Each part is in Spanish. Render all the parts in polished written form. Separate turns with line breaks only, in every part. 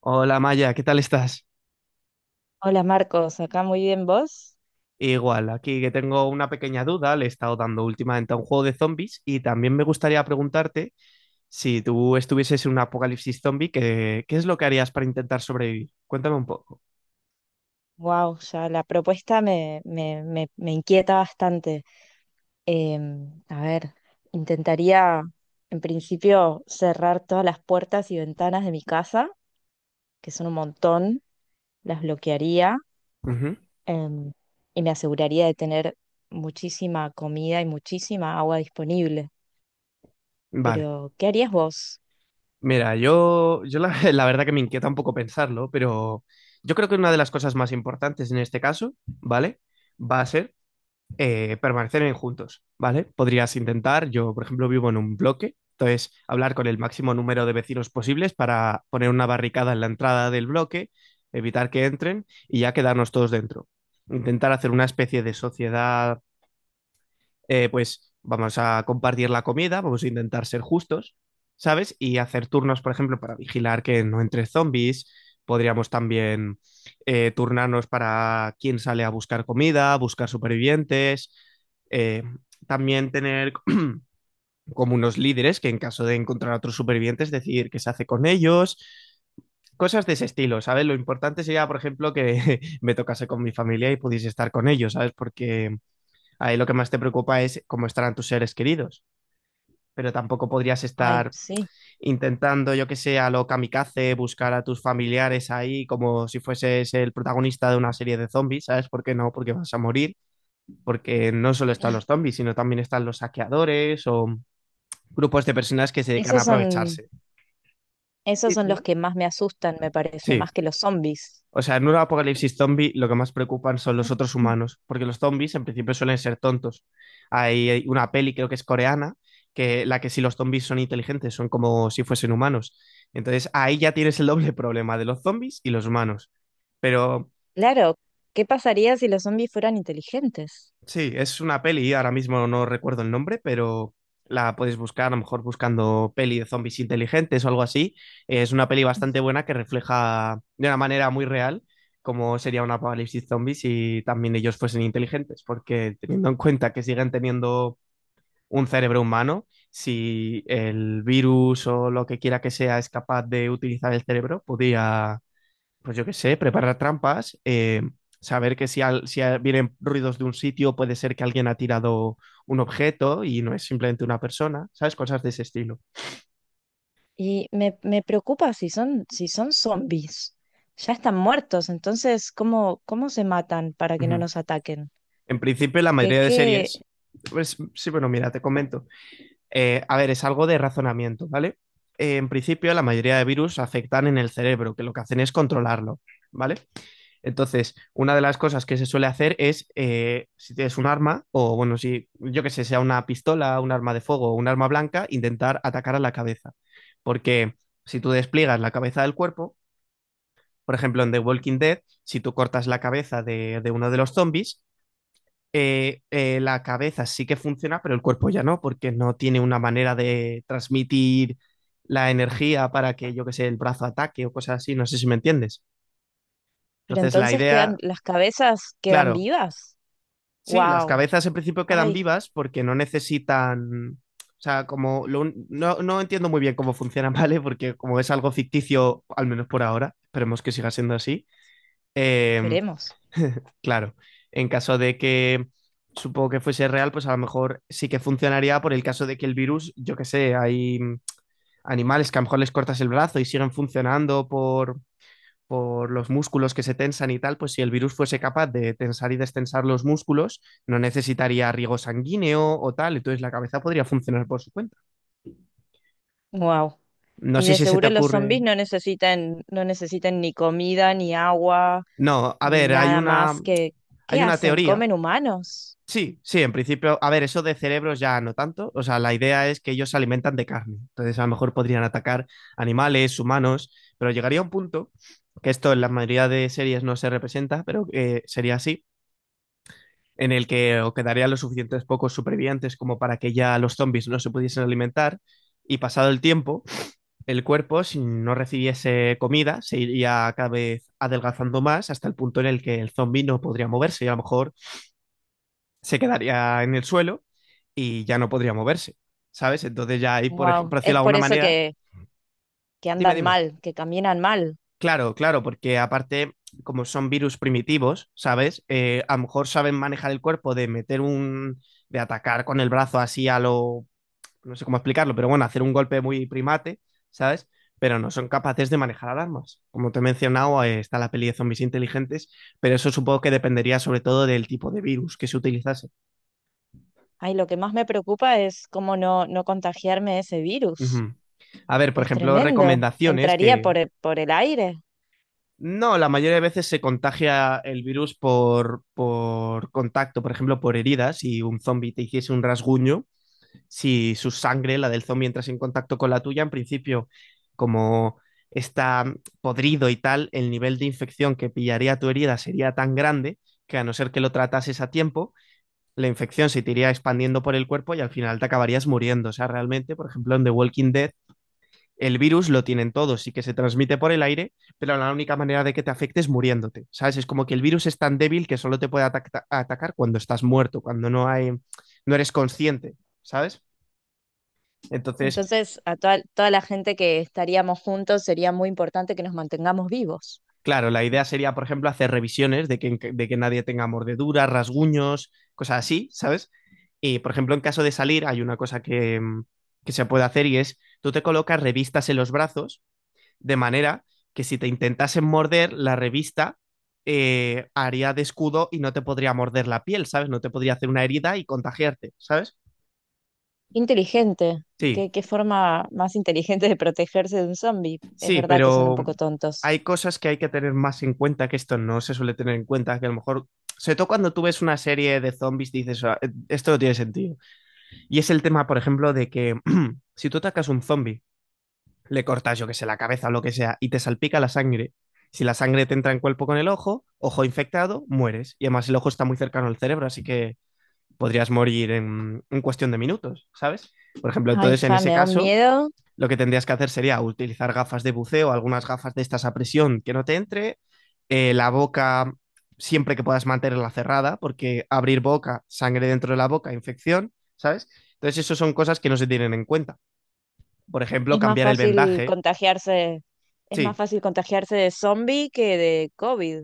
Hola Maya, ¿qué tal estás?
Hola Marcos, acá muy bien vos.
Igual, aquí que tengo una pequeña duda, le he estado dando últimamente a un juego de zombies y también me gustaría preguntarte si tú estuvieses en un apocalipsis zombie, ¿qué es lo que harías para intentar sobrevivir? Cuéntame un poco.
Wow, ya la propuesta me inquieta bastante. Em, a ver, intentaría en principio cerrar todas las puertas y ventanas de mi casa, que son un montón, las bloquearía,
Ujú.
em, y me aseguraría de tener muchísima comida y muchísima agua disponible.
Vale,
Pero, ¿qué harías vos?
mira, yo la, la verdad que me inquieta un poco pensarlo, pero yo creo que una de las cosas más importantes en este caso, ¿vale? Va a ser permanecer en juntos, ¿vale? Podrías intentar, yo por ejemplo vivo en un bloque, entonces hablar con el máximo número de vecinos posibles para poner una barricada en la entrada del bloque, evitar que entren y ya quedarnos todos dentro. Intentar hacer una especie de sociedad, pues vamos a compartir la comida, vamos a intentar ser justos, ¿sabes? Y hacer turnos, por ejemplo, para vigilar que no entre zombies. Podríamos también turnarnos para quién sale a buscar comida, buscar supervivientes. eh, También tener como unos líderes que en caso de encontrar otros supervivientes, decidir qué se hace con ellos. Cosas de ese estilo, ¿sabes? Lo importante sería, por ejemplo, que me tocase con mi familia y pudiese estar con ellos, ¿sabes? Porque ahí lo que más te preocupa es cómo estarán tus seres queridos, pero tampoco podrías
Ay,
estar
sí.
intentando, yo que sé, a lo kamikaze, buscar a tus familiares ahí como si fueses el protagonista de una serie de zombies, ¿sabes por qué no? Porque vas a morir, porque no solo están los zombies, sino también están los saqueadores o grupos de personas que se dedican a
Esos son,
aprovecharse.
esos son los que más me asustan, me parece,
Sí.
más que los zombies.
O sea, en un apocalipsis zombie lo que más preocupan son los otros humanos, porque los zombies en principio suelen ser tontos. Hay una peli, creo que es coreana, que la que si los zombies son inteligentes, son como si fuesen humanos. Entonces ahí ya tienes el doble problema de los zombies y los humanos. Pero
Claro, ¿qué pasaría si los zombies fueran inteligentes?
sí, es una peli, ahora mismo no recuerdo el nombre, pero la puedes buscar, a lo mejor buscando peli de zombies inteligentes o algo así. Es una peli bastante buena que refleja de una manera muy real cómo sería un apocalipsis zombies si también ellos fuesen inteligentes, porque teniendo en cuenta que siguen teniendo un cerebro humano, si el virus o lo que quiera que sea es capaz de utilizar el cerebro, podría, pues yo qué sé, preparar trampas, saber que si, vienen ruidos de un sitio puede ser que alguien ha tirado un objeto y no es simplemente una persona, ¿sabes? Cosas de ese estilo.
Y me preocupa si son zombies. Ya están muertos, entonces, ¿cómo, cómo se matan para que no
Ujú.
nos ataquen?
En principio, la
¿Qué,
mayoría de
qué?
series, pues sí, bueno, mira, te comento. A ver, es algo de razonamiento, ¿vale? En principio, la mayoría de virus afectan en el cerebro, que lo que hacen es controlarlo, ¿vale? Entonces, una de las cosas que se suele hacer es, si tienes un arma, o bueno, si yo que sé, sea una pistola, un arma de fuego o un arma blanca, intentar atacar a la cabeza. Porque si tú despliegas la cabeza del cuerpo, por ejemplo, en The Walking Dead, si tú cortas la cabeza de uno de los zombies, la cabeza sí que funciona, pero el cuerpo ya no, porque no tiene una manera de transmitir la energía para que, yo que sé, el brazo ataque o cosas así, no sé si me entiendes.
Pero
Entonces, la
entonces quedan,
idea,
las cabezas quedan
claro,
vivas.
sí, las
Wow.
cabezas en principio quedan
Ay,
vivas porque no necesitan. O sea, no, no entiendo muy bien cómo funciona, ¿vale? Porque como es algo ficticio, al menos por ahora, esperemos que siga siendo así. em,
esperemos.
claro, en caso de que supongo que fuese real, pues a lo mejor sí que funcionaría por el caso de que el virus, yo qué sé, hay animales que a lo mejor les cortas el brazo y siguen funcionando por los músculos que se tensan y tal, pues si el virus fuese capaz de tensar y destensar los músculos, no necesitaría riego sanguíneo o tal, entonces la cabeza podría funcionar por su cuenta.
Wow.
No
Y
sé
de
si se te
seguro los
ocurre.
zombies no necesitan, no necesitan ni comida, ni agua,
No, a
ni
ver,
nada más que, ¿qué
hay una
hacen?
teoría.
¿Comen humanos?
Sí, sí, en principio, a ver, eso de cerebros ya no tanto. O sea, la idea es que ellos se alimentan de carne. Entonces, a lo mejor podrían atacar animales, humanos, pero llegaría un punto, que esto en la mayoría de series no se representa, pero sería así, en el que o quedarían los suficientes pocos supervivientes como para que ya los zombies no se pudiesen alimentar. Y pasado el tiempo, el cuerpo, si no recibiese comida, se iría cada vez adelgazando más hasta el punto en el que el zombie no podría moverse y a lo mejor se quedaría en el suelo y ya no podría moverse, ¿sabes? Entonces ya ahí,
Wow.
por decirlo
Es
de
por
alguna
eso
manera,
que
dime,
andan
dime.
mal, que caminan mal.
Claro, claro, porque aparte, como son virus primitivos, ¿sabes? A lo mejor saben manejar el cuerpo de atacar con el brazo así a lo, no sé cómo explicarlo, pero bueno, hacer un golpe muy primate, ¿sabes? Pero no son capaces de manejar alarmas. Como te he mencionado, está la peli de zombies inteligentes, pero eso supongo que dependería sobre todo del tipo de virus que se utilizase.
Ay, lo que más me preocupa es cómo no contagiarme de ese virus.
Ujú. A ver, por
Es
ejemplo,
tremendo.
recomendaciones
Entraría
que
por el aire.
no, la mayoría de veces se contagia el virus por contacto, por ejemplo, por heridas. Si un zombie te hiciese un rasguño, si su sangre, la del zombie, entras en contacto con la tuya, en principio, como está podrido y tal, el nivel de infección que pillaría tu herida sería tan grande que a no ser que lo tratases a tiempo, la infección se te iría expandiendo por el cuerpo y al final te acabarías muriendo. O sea, realmente, por ejemplo, en The Walking Dead, el virus lo tienen todos y que se transmite por el aire, pero la única manera de que te afecte es muriéndote. ¿Sabes? Es como que el virus es tan débil que solo te puede atacar cuando estás muerto, cuando no hay, no eres consciente, ¿sabes? Entonces,
Entonces, a toda la gente que estaríamos juntos sería muy importante que nos mantengamos vivos.
claro, la idea sería, por ejemplo, hacer revisiones de de que nadie tenga mordeduras, rasguños, cosas así, ¿sabes? Y, por ejemplo, en caso de salir, hay una cosa que, que se puede hacer y es, tú te colocas revistas en los brazos, de manera que si te intentasen morder, la revista, haría de escudo y no te podría morder la piel, ¿sabes? No te podría hacer una herida y contagiarte, ¿sabes?
Inteligente.
Sí,
¿Qué, qué forma más inteligente de protegerse de un zombie? Es
sí,
verdad que son un
pero
poco tontos.
hay cosas que hay que tener más en cuenta que esto no se suele tener en cuenta, que a lo mejor, sobre todo cuando tú ves una serie de zombies, dices, "Ah, esto no tiene sentido". Y es el tema, por ejemplo, de que si tú atacas un zombie, le cortas, yo que sé, la cabeza o lo que sea, y te salpica la sangre. Si la sangre te entra en cuerpo con el ojo, ojo infectado, mueres. Y además el ojo está muy cercano al cerebro, así que podrías morir en cuestión de minutos, ¿sabes? Por ejemplo,
Ay,
entonces en
fa,
ese
me da un
caso
miedo.
lo que tendrías que hacer sería utilizar gafas de buceo, algunas gafas de estas a presión que no te entre, la boca siempre que puedas mantenerla cerrada, porque abrir boca, sangre dentro de la boca, infección, ¿sabes? Entonces, eso son cosas que no se tienen en cuenta. Por ejemplo,
Es más
cambiar el
fácil
vendaje.
contagiarse, es más
Sí,
fácil contagiarse de zombie que de COVID.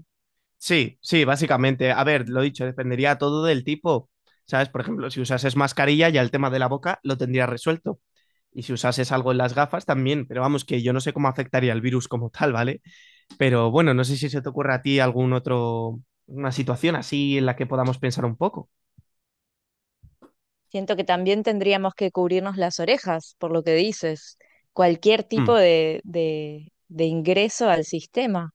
sí, sí, básicamente. A ver, lo dicho, dependería todo del tipo. ¿Sabes? Por ejemplo, si usases mascarilla, ya el tema de la boca lo tendrías resuelto. Y si usases algo en las gafas, también. Pero vamos, que yo no sé cómo afectaría el virus como tal, ¿vale? Pero bueno, no sé si se te ocurre a ti algún otro, una situación así en la que podamos pensar un poco.
Siento que también tendríamos que cubrirnos las orejas, por lo que dices, cualquier
Hmm,
tipo de ingreso al sistema.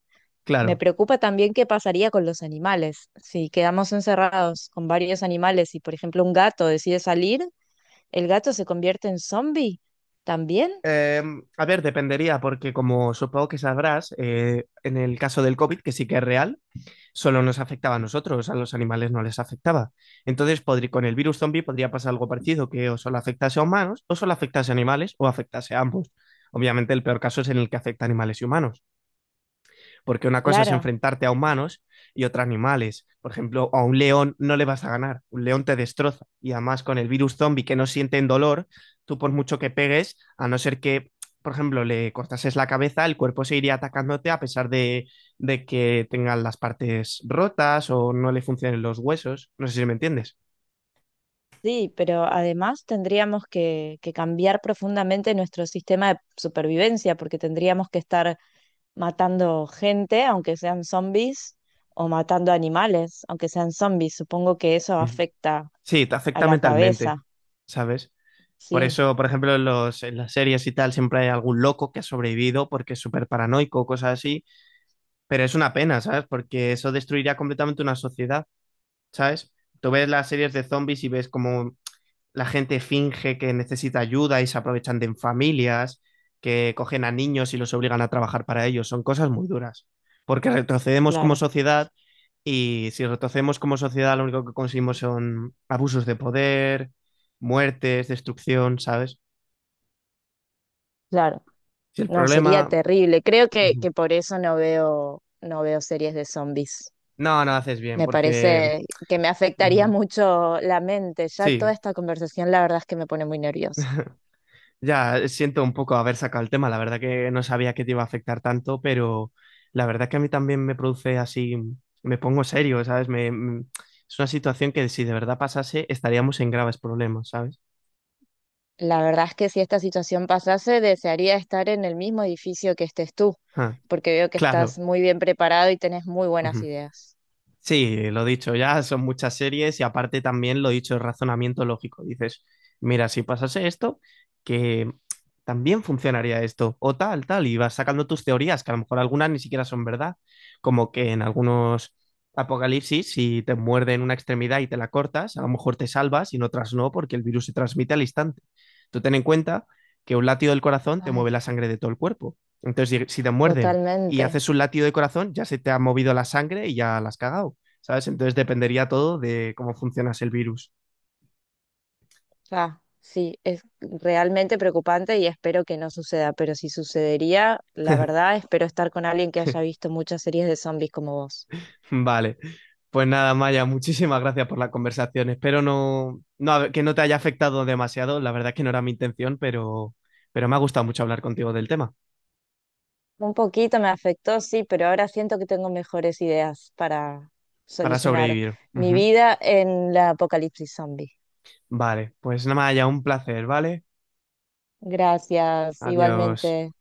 Me
claro.
preocupa también qué pasaría con los animales. Si quedamos encerrados con varios animales y, por ejemplo, un gato decide salir, ¿el gato se convierte en zombie también?
Eh, a ver, dependería, porque como supongo que sabrás, en el caso del COVID, que sí que es real, solo nos afectaba a nosotros, a los animales no les afectaba. Entonces, con el virus zombie podría pasar algo parecido, que o solo afectase a humanos, o solo afectase a animales, o afectase a ambos. Obviamente, el peor caso es en el que afecta a animales y humanos, porque una cosa es
Claro,
enfrentarte a humanos y otra a animales. Por ejemplo, a un león no le vas a ganar, un león te destroza y además con el virus zombie que no sienten dolor, tú por mucho que pegues, a no ser que, por ejemplo, le cortases la cabeza, el cuerpo seguiría atacándote a pesar de que tengan las partes rotas o no le funcionen los huesos. No sé si me entiendes.
sí, pero además tendríamos que cambiar profundamente nuestro sistema de supervivencia porque tendríamos que estar matando gente, aunque sean zombies, o matando animales, aunque sean zombies. Supongo que eso
Ujú.
afecta
Sí, te
a
afecta
la
mentalmente,
cabeza.
¿sabes? Por
Sí,
eso, por ejemplo, en las series y tal siempre hay algún loco que ha sobrevivido porque es súper paranoico, cosas así. Pero es una pena, ¿sabes? Porque eso destruiría completamente una sociedad, ¿sabes? Tú ves las series de zombies y ves cómo la gente finge que necesita ayuda y se aprovechan de familias, que cogen a niños y los obligan a trabajar para ellos. Son cosas muy duras. Porque retrocedemos como
claro,
sociedad y si retrocedemos como sociedad lo único que conseguimos son abusos de poder, muertes, destrucción, ¿sabes?
claro.
Si el
No, sería
problema...
terrible. Creo
Ujú.
que por eso no veo series de zombies.
No, no haces bien
Me
porque...
parece que me afectaría
Ujú.
mucho la mente. Ya toda
Sí.
esta conversación, la verdad es que me pone muy nerviosa.
Ya, siento un poco haber sacado el tema, la verdad que no sabía que te iba a afectar tanto, pero la verdad que a mí también me produce así, me pongo serio, ¿sabes? Es una situación que si de verdad pasase estaríamos en graves problemas, ¿sabes?
La verdad es que si esta situación pasase, desearía estar en el mismo edificio que estés tú,
Ah,
porque veo que
claro.
estás muy bien preparado y tenés muy buenas ideas.
Sí, lo dicho, ya son muchas series y aparte también lo dicho, el razonamiento lógico. Dices, mira, si pasase esto, que también funcionaría esto, o tal, tal, y vas sacando tus teorías, que a lo mejor algunas ni siquiera son verdad, como que en algunos apocalipsis, si te muerden una extremidad y te la cortas, a lo mejor te salvas y en otras no, porque el virus se transmite al instante. Tú ten en cuenta que un latido del corazón te
Ay,
mueve la sangre de todo el cuerpo. Entonces, si te muerden y
totalmente.
haces un latido de corazón, ya se te ha movido la sangre y ya la has cagado, ¿sabes? Entonces dependería todo de cómo funcionas el virus.
Ah, sí, es realmente preocupante y espero que no suceda, pero si sucedería, la verdad, espero estar con alguien que haya visto muchas series de zombies como vos.
Vale. Pues nada, Maya, muchísimas gracias por la conversación. Espero que no te haya afectado demasiado. La verdad es que no era mi intención, pero me ha gustado mucho hablar contigo del tema
Un poquito me afectó, sí, pero ahora siento que tengo mejores ideas para
para
solucionar
sobrevivir.
mi
Ujú.
vida en la apocalipsis zombie.
Vale, pues nada, Maya, un placer, ¿vale?
Gracias,
Adiós.
igualmente.